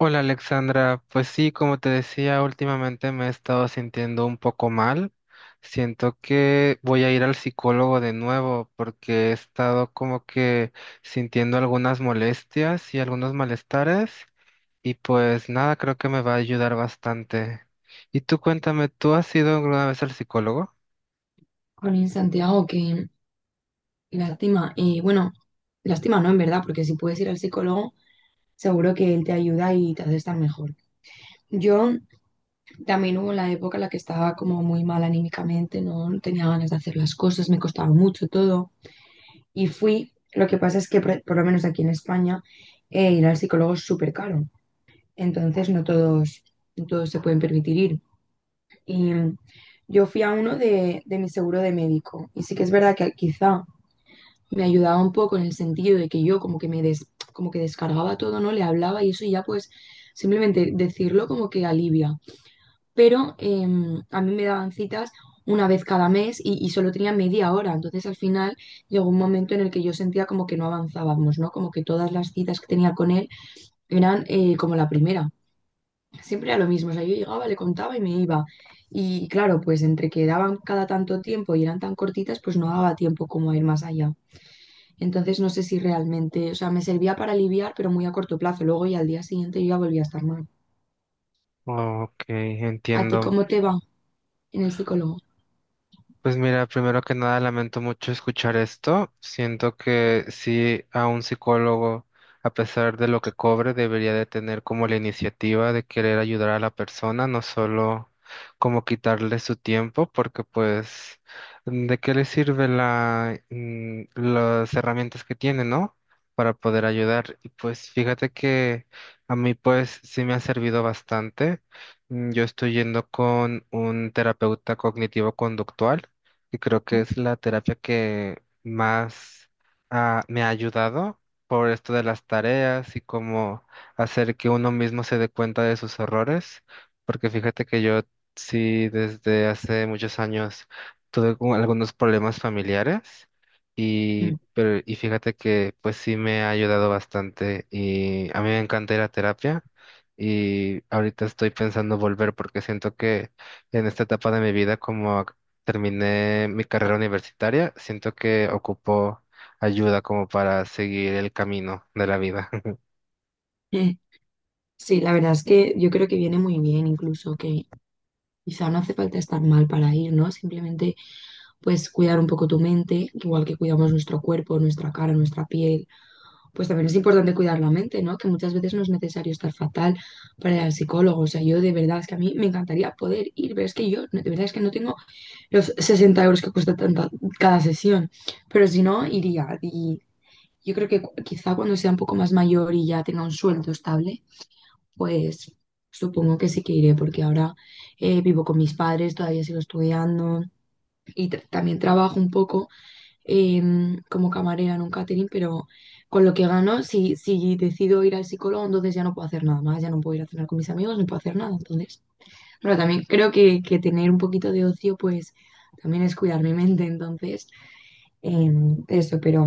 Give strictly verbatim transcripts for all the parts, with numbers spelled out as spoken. Hola Alexandra, pues sí, como te decía, últimamente me he estado sintiendo un poco mal. Siento que voy a ir al psicólogo de nuevo porque he estado como que sintiendo algunas molestias y algunos malestares y pues nada, creo que me va a ayudar bastante. Y tú cuéntame, ¿tú has ido alguna vez al psicólogo? Jolín, Santiago, qué lástima. Y bueno, lástima no, en verdad, porque si puedes ir al psicólogo, seguro que él te ayuda y te hace estar mejor. Yo también hubo la época en la que estaba como muy mal anímicamente, no, no tenía ganas de hacer las cosas, me costaba mucho todo. Y fui, lo que pasa es que por, por lo menos aquí en España, eh, ir al psicólogo es súper caro. Entonces no todos, no todos se pueden permitir ir. Y mm, yo fui a uno de, de mi seguro de médico. Y sí que es verdad que quizá me ayudaba un poco en el sentido de que yo como que me des- como que descargaba todo, ¿no? Le hablaba y eso y ya pues simplemente decirlo como que alivia. Pero em, a mí me daban citas una vez cada mes y, y solo tenía media hora. Entonces al final llegó un momento en el que yo sentía como que no avanzábamos, ¿no? Como que todas las citas que tenía con él eran eh, como la primera. Siempre era lo mismo, o sea, yo llegaba, le contaba y me iba. Y claro, pues entre que daban cada tanto tiempo y eran tan cortitas, pues no daba tiempo como a ir más allá. Entonces no sé si realmente, o sea, me servía para aliviar, pero muy a corto plazo. Luego y al día siguiente yo ya volví a estar mal. Ok, ¿A ti entiendo. cómo te va en el psicólogo? Pues mira, primero que nada lamento mucho escuchar esto. Siento que sí, a un psicólogo, a pesar de lo que cobre, debería de tener como la iniciativa de querer ayudar a la persona, no solo como quitarle su tiempo, porque pues, ¿de qué le sirve la, mm, las herramientas que tiene, ¿no? Para poder ayudar. Y pues fíjate que a mí pues sí me ha servido bastante. Mm, Yo estoy yendo con un terapeuta cognitivo-conductual y creo que es la terapia que más ah, me ha ayudado por esto de las tareas y cómo hacer que uno mismo se dé cuenta de sus errores, porque fíjate que yo sí desde hace muchos años tuve como algunos problemas familiares y, Mm. pero, y fíjate que pues sí me ha ayudado bastante y a mí me encanta ir a terapia. Y ahorita estoy pensando volver porque siento que en esta etapa de mi vida como terminé mi carrera universitaria, siento que ocupo ayuda como para seguir el camino de la vida. Sí, la verdad es que yo creo que viene muy bien, incluso que quizá no hace falta estar mal para ir, ¿no? Simplemente pues cuidar un poco tu mente, igual que cuidamos nuestro cuerpo, nuestra cara, nuestra piel, pues también es importante cuidar la mente, ¿no? Que muchas veces no es necesario estar fatal para ir al psicólogo. O sea, yo de verdad es que a mí me encantaría poder ir, pero es que yo de verdad es que no tengo los sesenta euros que cuesta tanta- cada sesión. Pero si no, iría. Y yo creo que cu- quizá cuando sea un poco más mayor y ya tenga un sueldo estable, pues supongo que sí que iré, porque ahora eh, vivo con mis padres, todavía sigo estudiando y tra- también trabajo un poco em, como camarera en un catering, pero con lo que gano, si, si decido ir al psicólogo, entonces ya no puedo hacer nada más, ya no puedo ir a cenar con mis amigos, no puedo hacer nada, entonces. Pero también creo que, que tener un poquito de ocio, pues también es cuidar mi mente, entonces, em, eso, pero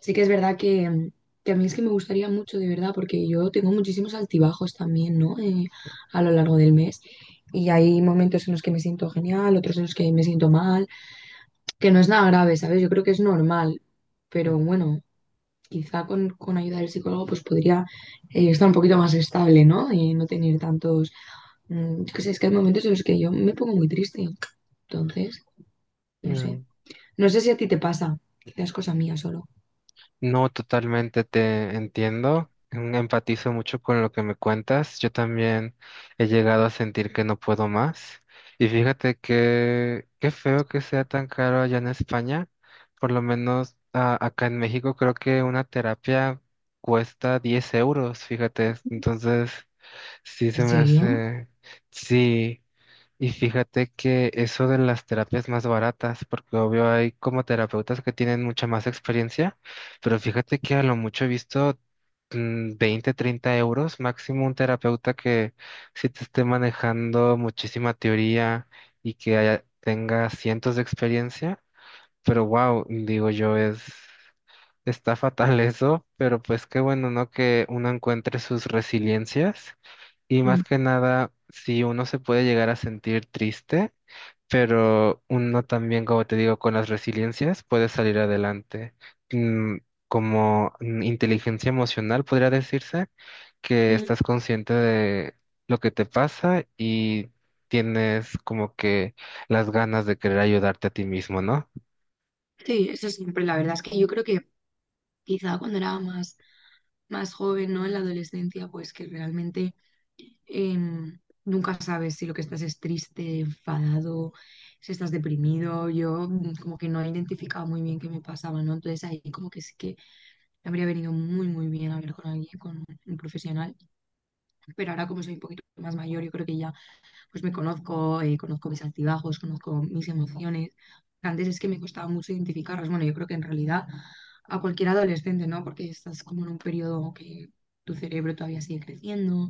sí que es verdad que, que a mí es que me gustaría mucho, de verdad, porque yo tengo muchísimos altibajos también, ¿no? Eh, a lo largo del mes. Y hay momentos en los que me siento genial, otros en los que me siento mal, que no es nada grave, ¿sabes? Yo creo que es normal, pero bueno, quizá con, con ayuda del psicólogo pues podría eh, estar un poquito más estable, ¿no? Y no tener tantos... mm, Yo qué sé, es que hay momentos en los que yo me pongo muy triste entonces, no sé. Mm. No sé si a ti te pasa. Quizás cosa mía solo. No, totalmente te entiendo. mm, Empatizo mucho con lo que me cuentas. Yo también he llegado a sentir que no puedo más. Y fíjate que qué feo que sea tan caro allá en España. Por lo menos a- acá en México creo que una terapia cuesta diez euros, fíjate. Entonces. Sí, se ¿En me serio? hace. Sí, y fíjate que eso de las terapias más baratas, porque obvio hay como terapeutas que tienen mucha más experiencia, pero fíjate que a lo mucho he visto mm, veinte, treinta euros máximo un terapeuta que sí te esté manejando muchísima teoría y que haya- tenga cientos de experiencia, pero wow, digo yo, es. Está fatal eso, pero pues qué bueno, ¿no? Que uno encuentre sus resiliencias y más Mm, que nada, si uno se puede llegar a sentir triste, pero uno también, como te digo, con las resiliencias puede salir adelante. Mm, Como mm, inteligencia emocional, podría decirse, que mm. estás consciente de lo que te pasa y tienes como que las ganas de querer ayudarte a ti mismo, ¿no? Sí, eso siempre, la verdad es que yo creo que quizá cuando era más, más joven, ¿no? En la adolescencia, pues que realmente em, nunca sabes si lo que estás es triste, enfadado, si estás deprimido. Yo mm, como que no he identificado muy bien qué me pasaba, ¿no? Entonces ahí como que sí que me habría venido muy, muy bien hablar con alguien, con un profesional. Pero ahora como soy un poquito más mayor, yo creo que ya pues me conozco, eh, conozco mis altibajos, conozco mis emociones. Antes es que me costaba mucho identificarlas. Bueno, yo creo que en realidad a cualquier adolescente, ¿no? Porque estás como en un periodo que tu cerebro todavía sigue creciendo,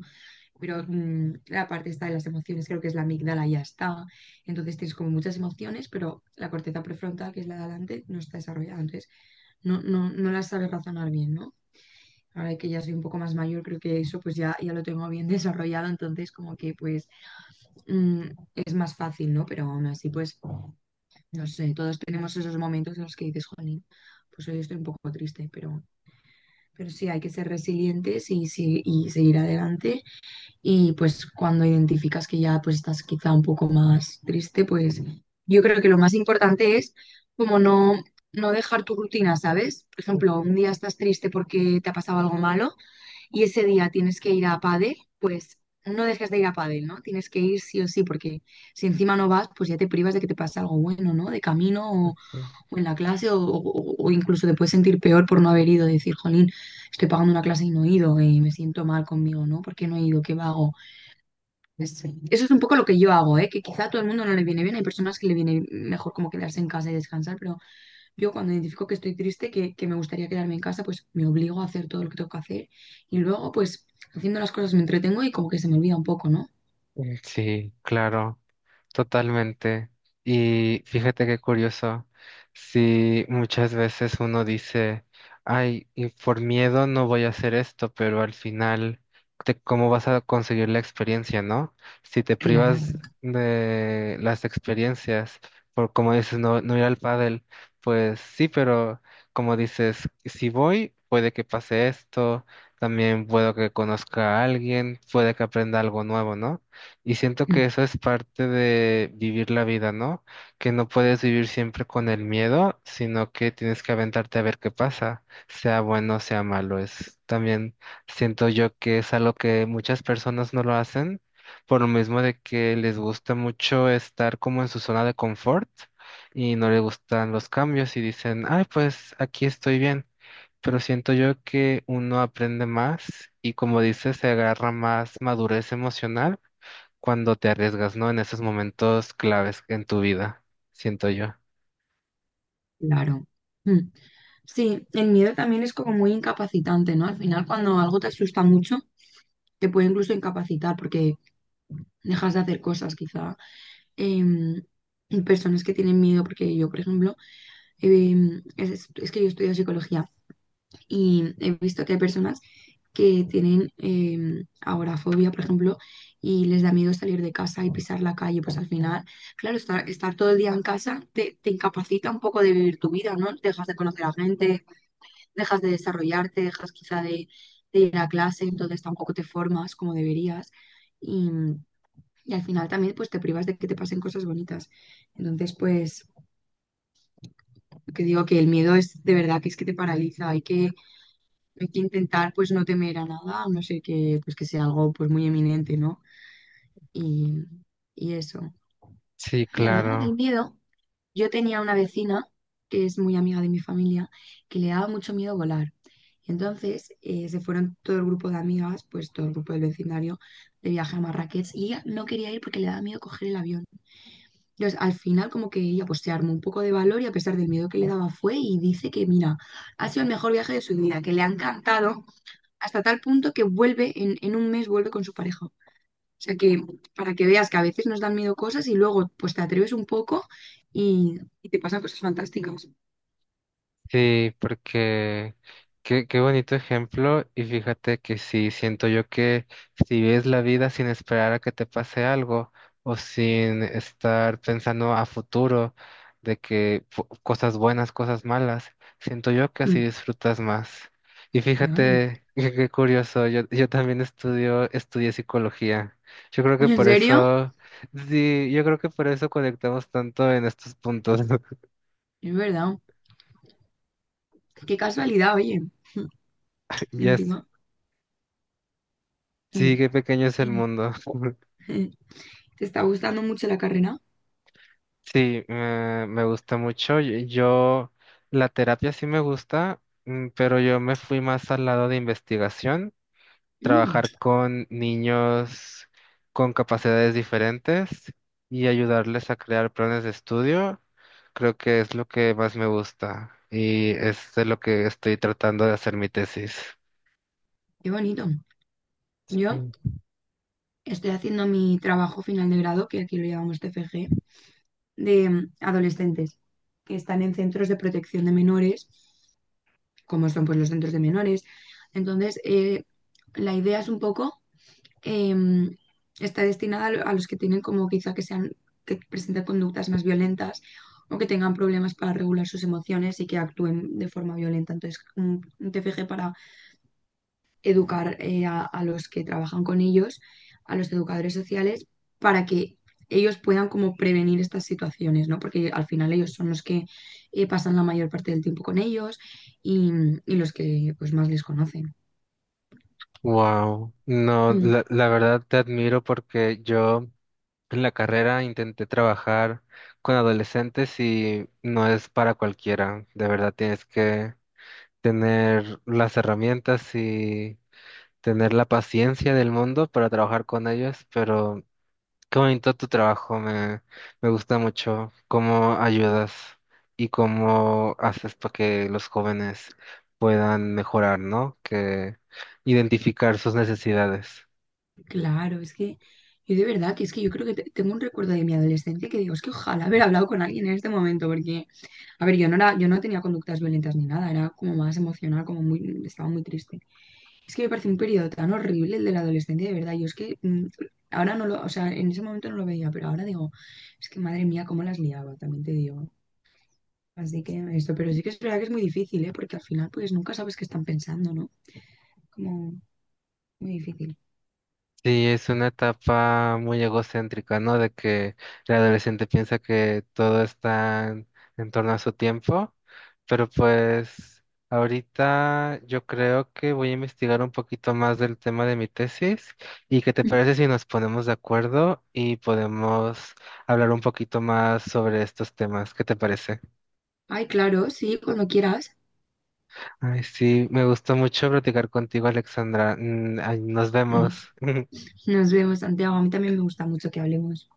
pero mm, la parte está de las emociones, creo que es la amígdala, ya está. Entonces tienes como muchas emociones, pero la corteza prefrontal, que es la de adelante, no está desarrollada. Entonces no, no, no las sabes razonar bien, ¿no? Ahora que ya soy un poco más mayor, creo que eso pues ya, ya lo tengo bien desarrollado, entonces como que pues mm, es más fácil, ¿no? Pero aún así, pues, no sé, todos tenemos esos momentos en los que dices, jolín, pues hoy estoy un poco triste, pero, pero sí, hay que ser resilientes y, sí- y seguir adelante. Y pues cuando identificas que ya pues estás quizá un poco más triste, pues yo creo que lo más importante es como no, no dejar tu rutina, ¿sabes? Por ejemplo, un día estás triste porque te ha pasado algo malo y ese día tienes que ir a pádel, pues no dejes de ir a pádel, ¿no? Tienes que ir sí o sí, porque si encima no vas, pues ya te privas de que te pase algo bueno, ¿no? De camino o, Ujú. o en la clase o, o- o incluso te puedes sentir peor por no haber ido, decir, jolín, estoy pagando una clase y no he ido, eh, me siento mal conmigo, ¿no? ¿Por qué no he ido? ¿Qué vago? Es- Eso es un poco lo que yo hago, ¿eh? Que quizá a todo el mundo no le viene bien, hay personas que le viene mejor como quedarse en casa y descansar, pero yo cuando identifico que estoy triste, que, que me gustaría quedarme en casa, pues me obligo a hacer todo lo que tengo que hacer y luego pues haciendo las cosas me entretengo y como que se me olvida un poco, ¿no? Sí, claro. Totalmente. Y fíjate qué curioso, si muchas veces uno dice, ay, y por miedo no voy a hacer esto, pero al final, te- ¿cómo vas a conseguir la experiencia, no? Si te privas Claro, de las experiencias, por como dices, no, no ir al pádel, pues sí, pero como dices, si voy, puede que pase esto, también puedo que conozca a alguien, puede que aprenda algo nuevo, ¿no? Y siento mm, que eso es parte de vivir la vida, ¿no? Que no puedes vivir siempre con el miedo, sino que tienes que aventarte a ver qué pasa, sea bueno, sea malo. Es también siento yo que es algo que muchas personas no lo hacen, por lo mismo de que les gusta mucho estar como en su zona de confort y no les gustan los cambios y dicen, ay, pues aquí estoy bien. Pero siento yo que uno aprende más y como dices, se agarra más madurez emocional cuando te arriesgas, ¿no? En esos momentos claves en tu vida, siento yo. claro. mm. Sí, el miedo también es como muy incapacitante, ¿no? Al final cuando algo te asusta mucho, te puede incluso incapacitar porque dejas de hacer cosas quizá. Em, Personas que tienen miedo, porque yo, por ejemplo, em, es, es que yo estudio psicología. Y he visto que hay personas que tienen eh, agorafobia, por ejemplo, y les da miedo salir de casa y pisar la calle. Pues al final, claro, estar, estar todo el día en casa te, te incapacita un poco de vivir tu vida, ¿no? Dejas de conocer a gente, dejas de desarrollarte, dejas quizá de, de ir a clase, entonces tampoco te formas como deberías. Y, y al final también pues te privas de que te pasen cosas bonitas. Entonces, pues, que digo que el miedo es de verdad que es que te paraliza, hay que Hay que intentar pues no temer a nada, a no ser que, pues, que sea algo pues muy eminente, ¿no? Y, y eso. Sí, Y hablando del claro. miedo, yo tenía una vecina que es muy amiga de mi familia, que le daba mucho miedo volar. Y entonces eh, se fueron todo el grupo de amigas, pues todo el grupo del vecindario, de viaje a Marrakech y ella no quería ir porque le daba miedo coger el avión. Entonces al final como que ella pues se armó un poco de valor y a pesar del miedo que le daba fue y dice que mira, ha sido el mejor viaje de su vida, que le ha encantado hasta tal punto que vuelve en, en un mes, vuelve con su pareja. O sea que para que veas que a veces nos dan miedo cosas y luego pues te atreves un poco y, y te pasan cosas fantásticas. Sí, porque qué, qué bonito ejemplo y fíjate que sí, siento yo que si ves la vida sin esperar a que te pase algo o sin estar pensando a futuro de que fu- cosas buenas, cosas malas, siento yo que así Mm, disfrutas más. Y claro. fíjate qué, qué curioso, yo, yo también estudio, estudié psicología. Yo creo que ¿En por serio? eso, sí, yo creo que por eso conectamos tanto en estos puntos. Es verdad. Qué casualidad, oye. Yes. Encima. Sí, Mm. qué pequeño es el Y, mundo. eh, ¿Te está gustando mucho la carrera? Sí, me, me gusta mucho. Yo, yo- la terapia sí me gusta, mm, pero yo me fui más al lado de investigación, Mm, trabajar con niños con capacidades diferentes y ayudarles a crear planes de estudio. Creo que es lo que más me gusta y es de lo que estoy tratando de hacer mi tesis. qué bonito. Yo estoy haciendo mi trabajo final de grado, que aquí lo llamamos T F G, de mm, adolescentes que están en centros de protección de menores como son pues, los centros de menores. Entonces, eh, la idea es un poco, eh, está destinada a lo- a los que tienen como quizá que sean, que presenten conductas más violentas o que tengan problemas para regular sus emociones y que actúen de forma violenta. Entonces, un, un T F G para educar eh, a, a los que trabajan con ellos, a los educadores sociales, para que ellos puedan como prevenir estas situaciones, ¿no? Porque al final ellos son los que eh, pasan la mayor parte del tiempo con ellos y, y los que pues más les conocen. Wow, no, Mm, la, la verdad te admiro porque yo en la carrera intenté trabajar con adolescentes y no es para cualquiera. De verdad tienes que tener las herramientas y tener la paciencia del mundo para trabajar con ellos, pero qué bonito tu trabajo, me, me gusta mucho cómo ayudas y cómo haces para que los jóvenes puedan mejorar, ¿no? Que identificar sus necesidades. Claro, es que yo de verdad que es que yo creo que te- tengo un recuerdo de mi adolescencia que digo, es que ojalá haber hablado con alguien en este momento, porque, a ver, yo no era, yo no tenía conductas violentas ni nada, era como más emocional, como muy, estaba muy triste. Es que me parece un periodo tan horrible el de la adolescencia, de verdad. Yo es que mm, ahora no lo, o sea, en ese momento no lo veía, pero ahora digo, es que madre mía, cómo las liaba, también te digo. Así que esto, pero sí que es verdad que es muy difícil, ¿eh? Porque al final, pues nunca sabes qué están pensando, ¿no? Como muy difícil. Sí, es una etapa muy egocéntrica, ¿no? De que el adolescente piensa que todo está en, en torno a su tiempo, pero pues ahorita yo creo que voy a investigar un poquito más del tema de mi tesis y qué te Mm. parece si nos ponemos de acuerdo y podemos hablar un poquito más sobre estos temas. ¿Qué te parece? Ay, claro, sí, cuando quieras. Ay, sí, me gustó mucho platicar contigo, Alexandra. Mm, ay, nos Mm. vemos. Nos vemos, Santiago. A mí también me gusta mucho que hablemos.